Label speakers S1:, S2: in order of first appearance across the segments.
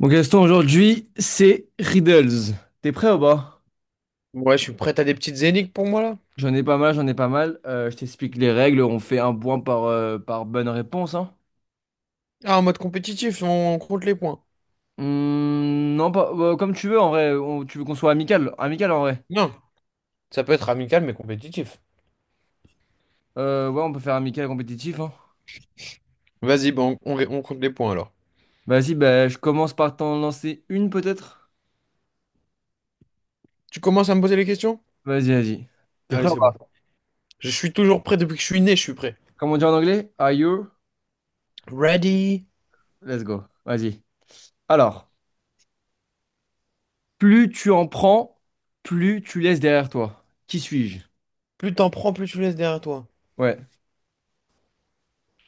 S1: Bon Gaston, aujourd'hui, c'est Riddles. T'es prêt ou pas?
S2: Ouais, je suis prêt à des petites zéniths pour moi là.
S1: J'en ai pas mal, j'en ai pas mal. Je t'explique les règles. On fait un point par bonne réponse, hein.
S2: Ah, en mode compétitif, on compte les points.
S1: Non, pas, bah, comme tu veux, en vrai. Tu veux qu'on soit amical? Amical, en vrai.
S2: Non, ça peut être amical mais compétitif.
S1: Ouais, on peut faire amical compétitif, hein.
S2: Vas-y, bon, on compte les points alors.
S1: Vas-y, bah, je commence par t'en lancer une, peut-être?
S2: Tu commences à me poser les questions?
S1: Vas-y, vas-y. T'es prêt
S2: Allez,
S1: ou
S2: c'est bon.
S1: pas?
S2: Je suis toujours prêt depuis que je suis né, je suis prêt.
S1: Comme on dit en anglais? Are you?
S2: Ready?
S1: Let's go. Vas-y. Alors, plus tu en prends, plus tu laisses derrière toi. Qui suis-je?
S2: Plus t'en prends, plus tu laisses derrière toi.
S1: Ouais.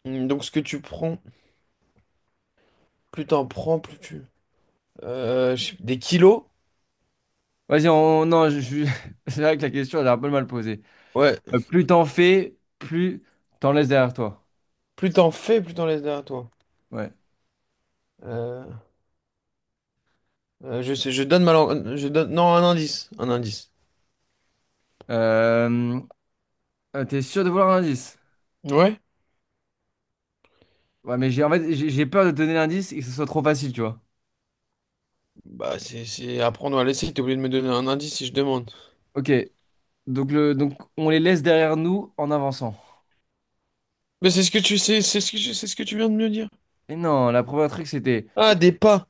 S2: Donc ce que tu prends, plus t'en prends, plus tu... je sais- des kilos?
S1: Non, c'est vrai que la question, elle est un peu mal posée.
S2: Ouais.
S1: Plus t'en fais, plus t'en laisses derrière toi.
S2: Plus t'en fais, plus t'en laisses derrière toi.
S1: Ouais.
S2: Euh, je sais, je donne ma langue- Je donne... Non, un indice. Un indice.
S1: Euh... T'es sûr de vouloir un indice?
S2: Ouais?
S1: Ouais, mais j'ai en fait, j'ai peur de te donner l'indice et que ce soit trop facile, tu vois.
S2: Bah, c'est apprendre à laisser. T'es obligé de me donner un indice si je demande.
S1: Ok, donc on les laisse derrière nous en avançant.
S2: Mais c'est ce que tu sais, c'est ce que tu- c'est ce que tu viens de me dire.
S1: Et non, la première truc, c'était.
S2: Ah, des pas.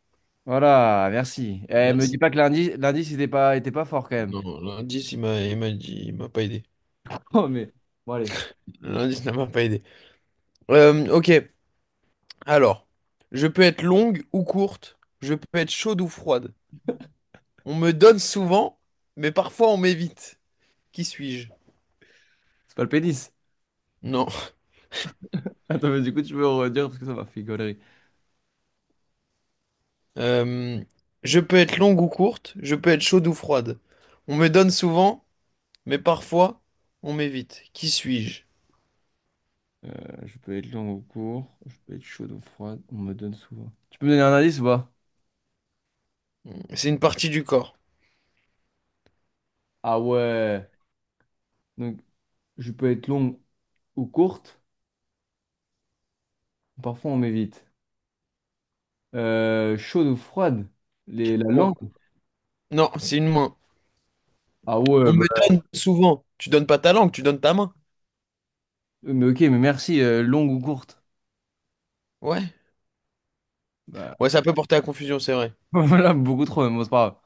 S1: Voilà, merci. Eh, me dis
S2: Merci.
S1: pas que l'indice, était pas fort quand même.
S2: Non, l'indice, il m'a dit, il m'a pas aidé.
S1: Oh, mais. Bon, allez,
S2: L'indice ne m'a pas aidé. Ok, alors, je peux être longue ou courte, je peux être chaude ou froide. On me donne souvent, mais parfois on m'évite. Qui suis-je?
S1: c'est pas le pénis.
S2: Non.
S1: Attends, mais du coup, tu peux redire parce que ça m'a fait une connerie.
S2: Euh, je peux être longue ou courte, je peux être chaude ou froide. On me donne souvent, mais parfois on m'évite. Qui suis-je?
S1: Euh, je peux être lent ou court, je peux être chaude ou froide, on me donne souvent. Tu peux me donner un indice ou pas?
S2: C'est une partie du corps.
S1: Ah ouais, donc je peux être longue ou courte, parfois on m'évite. Chaude ou froide, la
S2: Bon,
S1: langue.
S2: non, c'est une main.
S1: Ah ouais,
S2: On
S1: bah,
S2: me donne souvent. Tu donnes pas ta langue, tu donnes ta main.
S1: mais ok, mais merci, longue ou courte?
S2: Ouais.
S1: Bah,
S2: Ouais, ça peut porter à confusion, c'est vrai.
S1: voilà, beaucoup trop, mais bon, c'est pas grave.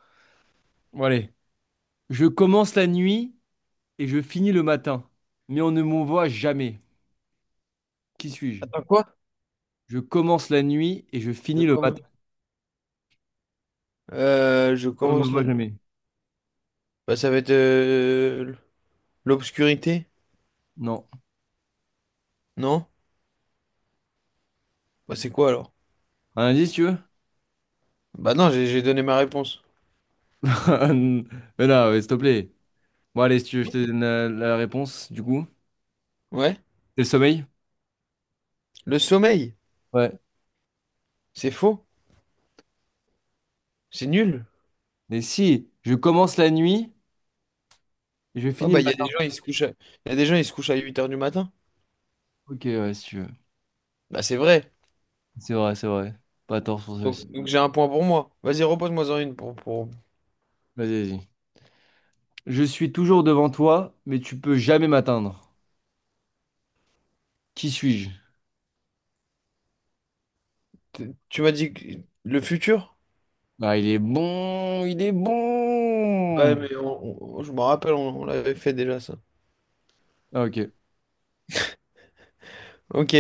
S1: Bon, allez. Je commence la nuit et je finis le matin, mais on ne me voit jamais. Qui suis-je?
S2: Attends, quoi?
S1: Je commence la nuit et je
S2: Je
S1: finis le
S2: commence.
S1: matin,
S2: Je
S1: on ne me
S2: commence
S1: voit
S2: là.
S1: jamais.
S2: Bah, ça va être l'obscurité?
S1: Non.
S2: Non? Bah, c'est quoi alors?
S1: Un indice, tu veux?
S2: Bah, non, j'ai donné ma réponse.
S1: Mais là, s'il te plaît. Bon, allez, si tu veux, je te donne la réponse, du coup.
S2: Ouais?
S1: C'est le sommeil?
S2: Le sommeil?
S1: Ouais.
S2: C'est faux? C'est nul?
S1: Mais si, je commence la nuit et je
S2: Oh,
S1: finis le
S2: bah, il y a des
S1: matin.
S2: gens, ils se couchent à... y a des gens, ils se couchent à 8h du matin.
S1: Ok, ouais, si tu veux.
S2: Bah, c'est vrai.
S1: C'est vrai, c'est vrai. Pas tort sur ça aussi.
S2: Donc j'ai un point pour moi. Vas-y, repose-moi-en une pour...
S1: Vas-y, vas-y. Je suis toujours devant toi, mais tu peux jamais m'atteindre. Qui suis-je?
S2: Tu m'as dit que- le futur?
S1: Ah, il est bon, il est
S2: Ouais,
S1: bon.
S2: mais on- je me rappelle, on l'avait fait déjà ça.
S1: Ah, ok.
S2: Ok,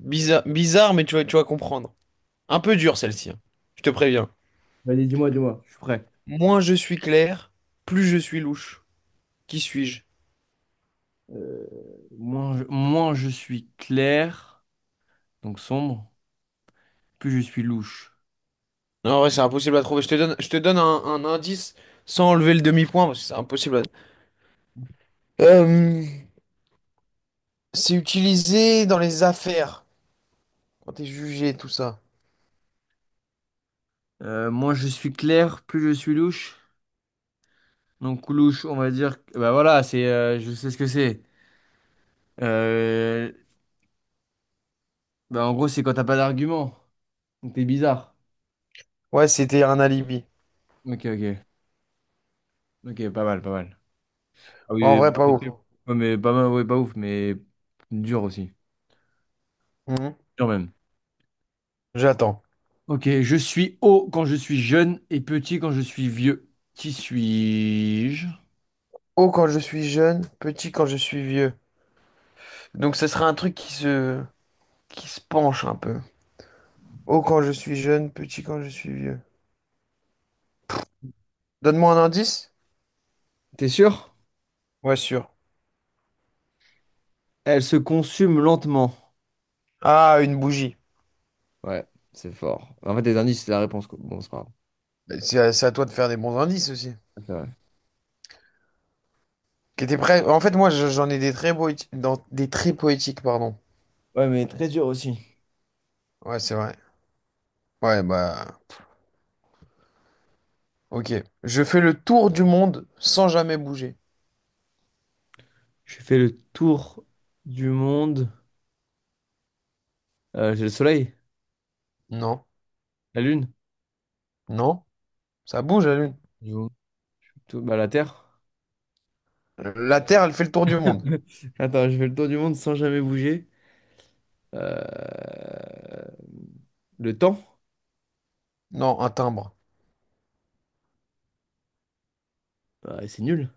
S2: bizarre, bizarre, mais tu vas comprendre. Un peu dur celle-ci, hein. Je te préviens.
S1: Vas-y, dis-moi, dis-moi, je suis prêt.
S2: Moins je suis clair, plus je suis louche. Qui suis-je?
S1: Euh, moins je suis clair, donc sombre, plus je suis louche.
S2: Non, ouais, c'est impossible à trouver. Je te donne un indice sans enlever le demi-point parce que c'est impossible à... Euh, c'est utilisé dans les affaires quand t'es jugé, tout ça.
S1: Moins je suis clair, plus je suis louche. Donc louche, on va dire, bah voilà, je sais ce que c'est. Euh, Bah en gros, c'est quand t'as pas d'argument. Donc t'es bizarre.
S2: Ouais, c'était un alibi.
S1: Ok, ok, ok, pas mal, pas mal. Ah
S2: Ouais, en
S1: oui,
S2: vrai, pas
S1: c'est
S2: ouf.
S1: sûr. Ouais, mais pas mal, ouais, pas ouf, mais dur aussi,
S2: Mhm.
S1: dur même.
S2: J'attends.
S1: Ok, je suis haut quand je suis jeune et petit quand je suis vieux. Qui suis-je?
S2: Haut quand je suis jeune, petit quand je suis vieux. Donc ce sera un truc qui se penche un peu. Haut quand je suis jeune, petit quand je suis vieux. Donne-moi un indice?
S1: T'es sûr?
S2: Ouais, sûr.
S1: Elle se consume lentement.
S2: Ah, une bougie.
S1: Ouais, c'est fort. En fait, les indices, c'est la réponse, quoi. Bon, c'est pas
S2: Mais c'est à, c'est à toi de faire des bons indices aussi.
S1: grave.
S2: Qui était prêt? En fait, moi, je- j'en ai des très poétiques, dans des très poétiques, pardon.
S1: Ouais, mais très dur aussi.
S2: Ouais, c'est vrai. Ouais, bah, ok. Je fais le tour du monde sans jamais bouger.
S1: J'ai fait le tour du monde. J'ai le soleil,
S2: Non,
S1: la lune,
S2: non, ça bouge la Lune.
S1: du coup. Tout, bah, la terre.
S2: La Terre, elle fait le tour du monde.
S1: Attends, j'ai fait le tour du monde sans jamais bouger. Euh, Le temps,
S2: Non, un timbre.
S1: bah, c'est nul,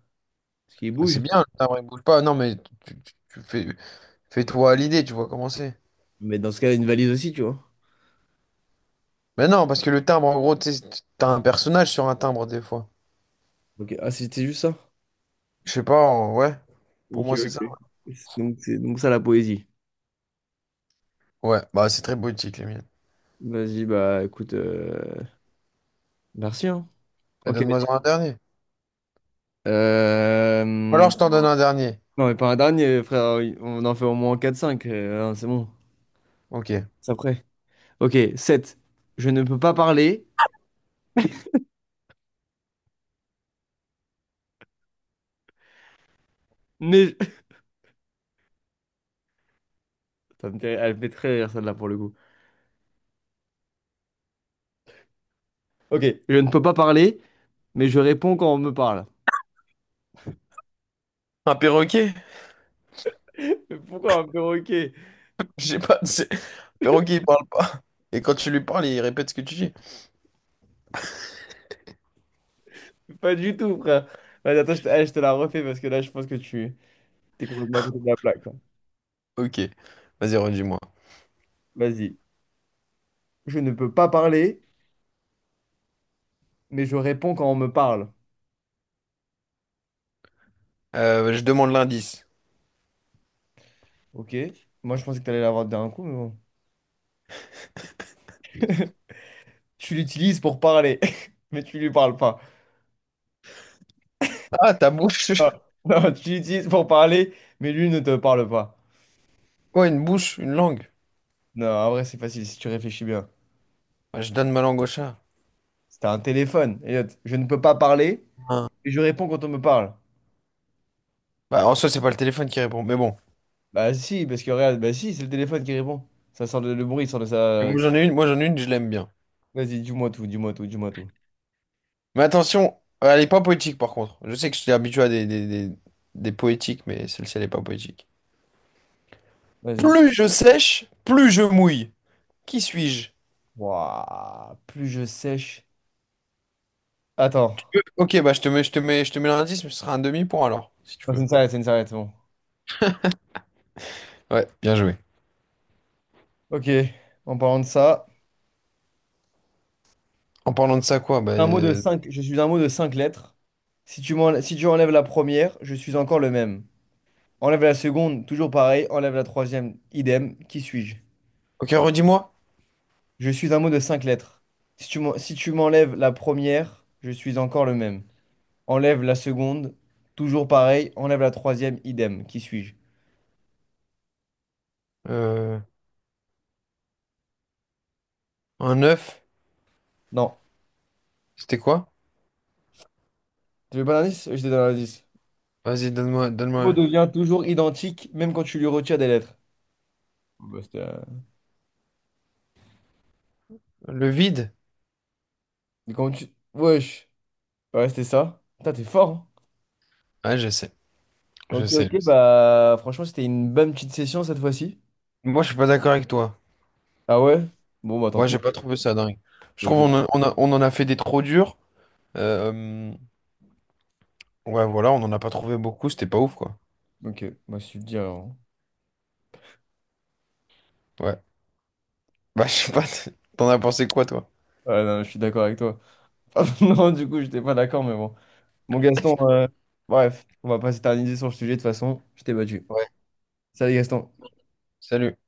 S1: parce qu'il
S2: Ouais,
S1: bouge.
S2: c'est bien, le timbre, il bouge pas. Non, mais tu- tu fais, fais-toi à l'idée, tu vois comment c'est.
S1: Mais dans ce cas, une valise aussi, tu vois.
S2: Mais non, parce que le timbre, en gros, tu sais, t'as un personnage sur un timbre des fois.
S1: Ok, ah, c'était juste ça.
S2: Je sais pas, en- ouais, pour
S1: Ok,
S2: moi c'est ça.
S1: ok. Donc, c'est donc ça la poésie.
S2: Ouais, bah c'est très boutique les miennes.
S1: Vas-y, bah écoute, merci, hein.
S2: Mais
S1: Ok.
S2: donne-moi un dernier. Ou
S1: Euh,
S2: alors je t'en donne un dernier.
S1: Non, mais pas un dernier, frère. On en fait au moins quatre cinq, hein, c'est bon.
S2: Ok.
S1: C'est après. Ok, sept. Je ne peux pas parler, mais. Elle me fait très rire celle-là pour le coup. Ok, je ne peux pas parler, mais je réponds quand on me parle.
S2: Un perroquet?
S1: Mais pourquoi un perroquet?
S2: Je sais pas, c'est- perroquet il parle pas. Et quand tu lui parles, il répète ce que tu dis.
S1: Pas du tout, frère. Vas-y, attends, je te la refais parce que là, je pense que tu t'es complètement à côté de la plaque, là.
S2: Ok, vas-y, redis-moi.
S1: Vas-y. Je ne peux pas parler, mais je réponds quand on me parle.
S2: Je demande l'indice.
S1: Ok. Moi, je pensais que t'allais l'avoir d'un coup, mais bon. Tu l'utilises pour parler, mais tu lui parles pas.
S2: Ah, ta bouche.
S1: Non, tu l'utilises pour parler, mais lui ne te parle pas.
S2: Quoi, une bouche, une langue?
S1: Non, en vrai, c'est facile si tu réfléchis bien.
S2: Bah, je donne ma langue au chat.
S1: C'était un téléphone, Elliot. Je ne peux pas parler
S2: Hein.
S1: et je réponds quand on me parle.
S2: Bah, en soi, c'est pas le téléphone qui répond, mais bon.
S1: Bah si, parce que regarde, bah si, c'est le téléphone qui répond. Le bruit, ça sort de
S2: Et
S1: ça.
S2: moi j'en ai une, je l'aime bien.
S1: Vas-y, dis-moi tout, dis-moi tout, dis-moi tout.
S2: Mais attention, elle est pas poétique par contre. Je sais que je suis habitué à des poétiques, mais celle-ci, elle est pas poétique.
S1: Vas-y.
S2: Plus je sèche, plus je mouille. Qui suis-je?
S1: Waouh, plus je sèche. Attends.
S2: Ok, bah je te mets, je te mets, je te mets l'indice, mais ce sera un demi-point alors, si tu
S1: Non, c'est
S2: veux.
S1: une s'arrête, c'est une s'arrête, c'est bon.
S2: Ouais, bien joué.
S1: Ok, en parlant de ça.
S2: En parlant de ça, quoi? Bah,
S1: Un mot de cinq, Je suis un mot de cinq lettres. Si tu enlèves la première, je suis encore le même. Enlève la seconde, toujours pareil. Enlève la troisième, idem. Qui suis-je?
S2: ok, redis-moi.
S1: Je suis un mot de cinq lettres. Si tu m'enlèves la première, je suis encore le même. Enlève la seconde, toujours pareil. Enlève la troisième, idem. Qui suis-je?
S2: Euh, un œuf,
S1: Non.
S2: c'était quoi?
S1: Tu veux pas l'indice? Je te donne l'indice.
S2: Vas-y, donne-moi,
S1: Le mot
S2: donne-moi.
S1: devient toujours identique, même quand tu lui retires des lettres. Oh, bah,
S2: Le vide?
S1: mais comment tu. Wesh. Bah, ouais, c'était ça. Putain, t'es fort, hein.
S2: Ah, je sais, je
S1: Ok,
S2: sais,
S1: ok,
S2: je sais.
S1: bah franchement, c'était une bonne petite session cette fois-ci.
S2: Moi, je suis pas d'accord avec toi.
S1: Ah ouais? Bon, bah tant
S2: Moi,
S1: pis.
S2: j'ai pas trouvé ça dingue. Je
S1: Ok.
S2: trouve on, a- on en a fait des trop durs. Euh, Ouais, voilà, on n'en a pas trouvé beaucoup, c'était pas ouf, quoi.
S1: Ok, moi je suis bien, hein.
S2: Ouais. Bah, je sais pas, t'en as pensé quoi, toi?
S1: Ouais, non, je suis d'accord avec toi. Non, du coup, j'étais pas d'accord, mais bon. Bon Gaston, bref, on va pas s'éterniser sur le sujet de toute façon. Je t'ai battu.
S2: Ouais.
S1: Salut Gaston.
S2: Salut.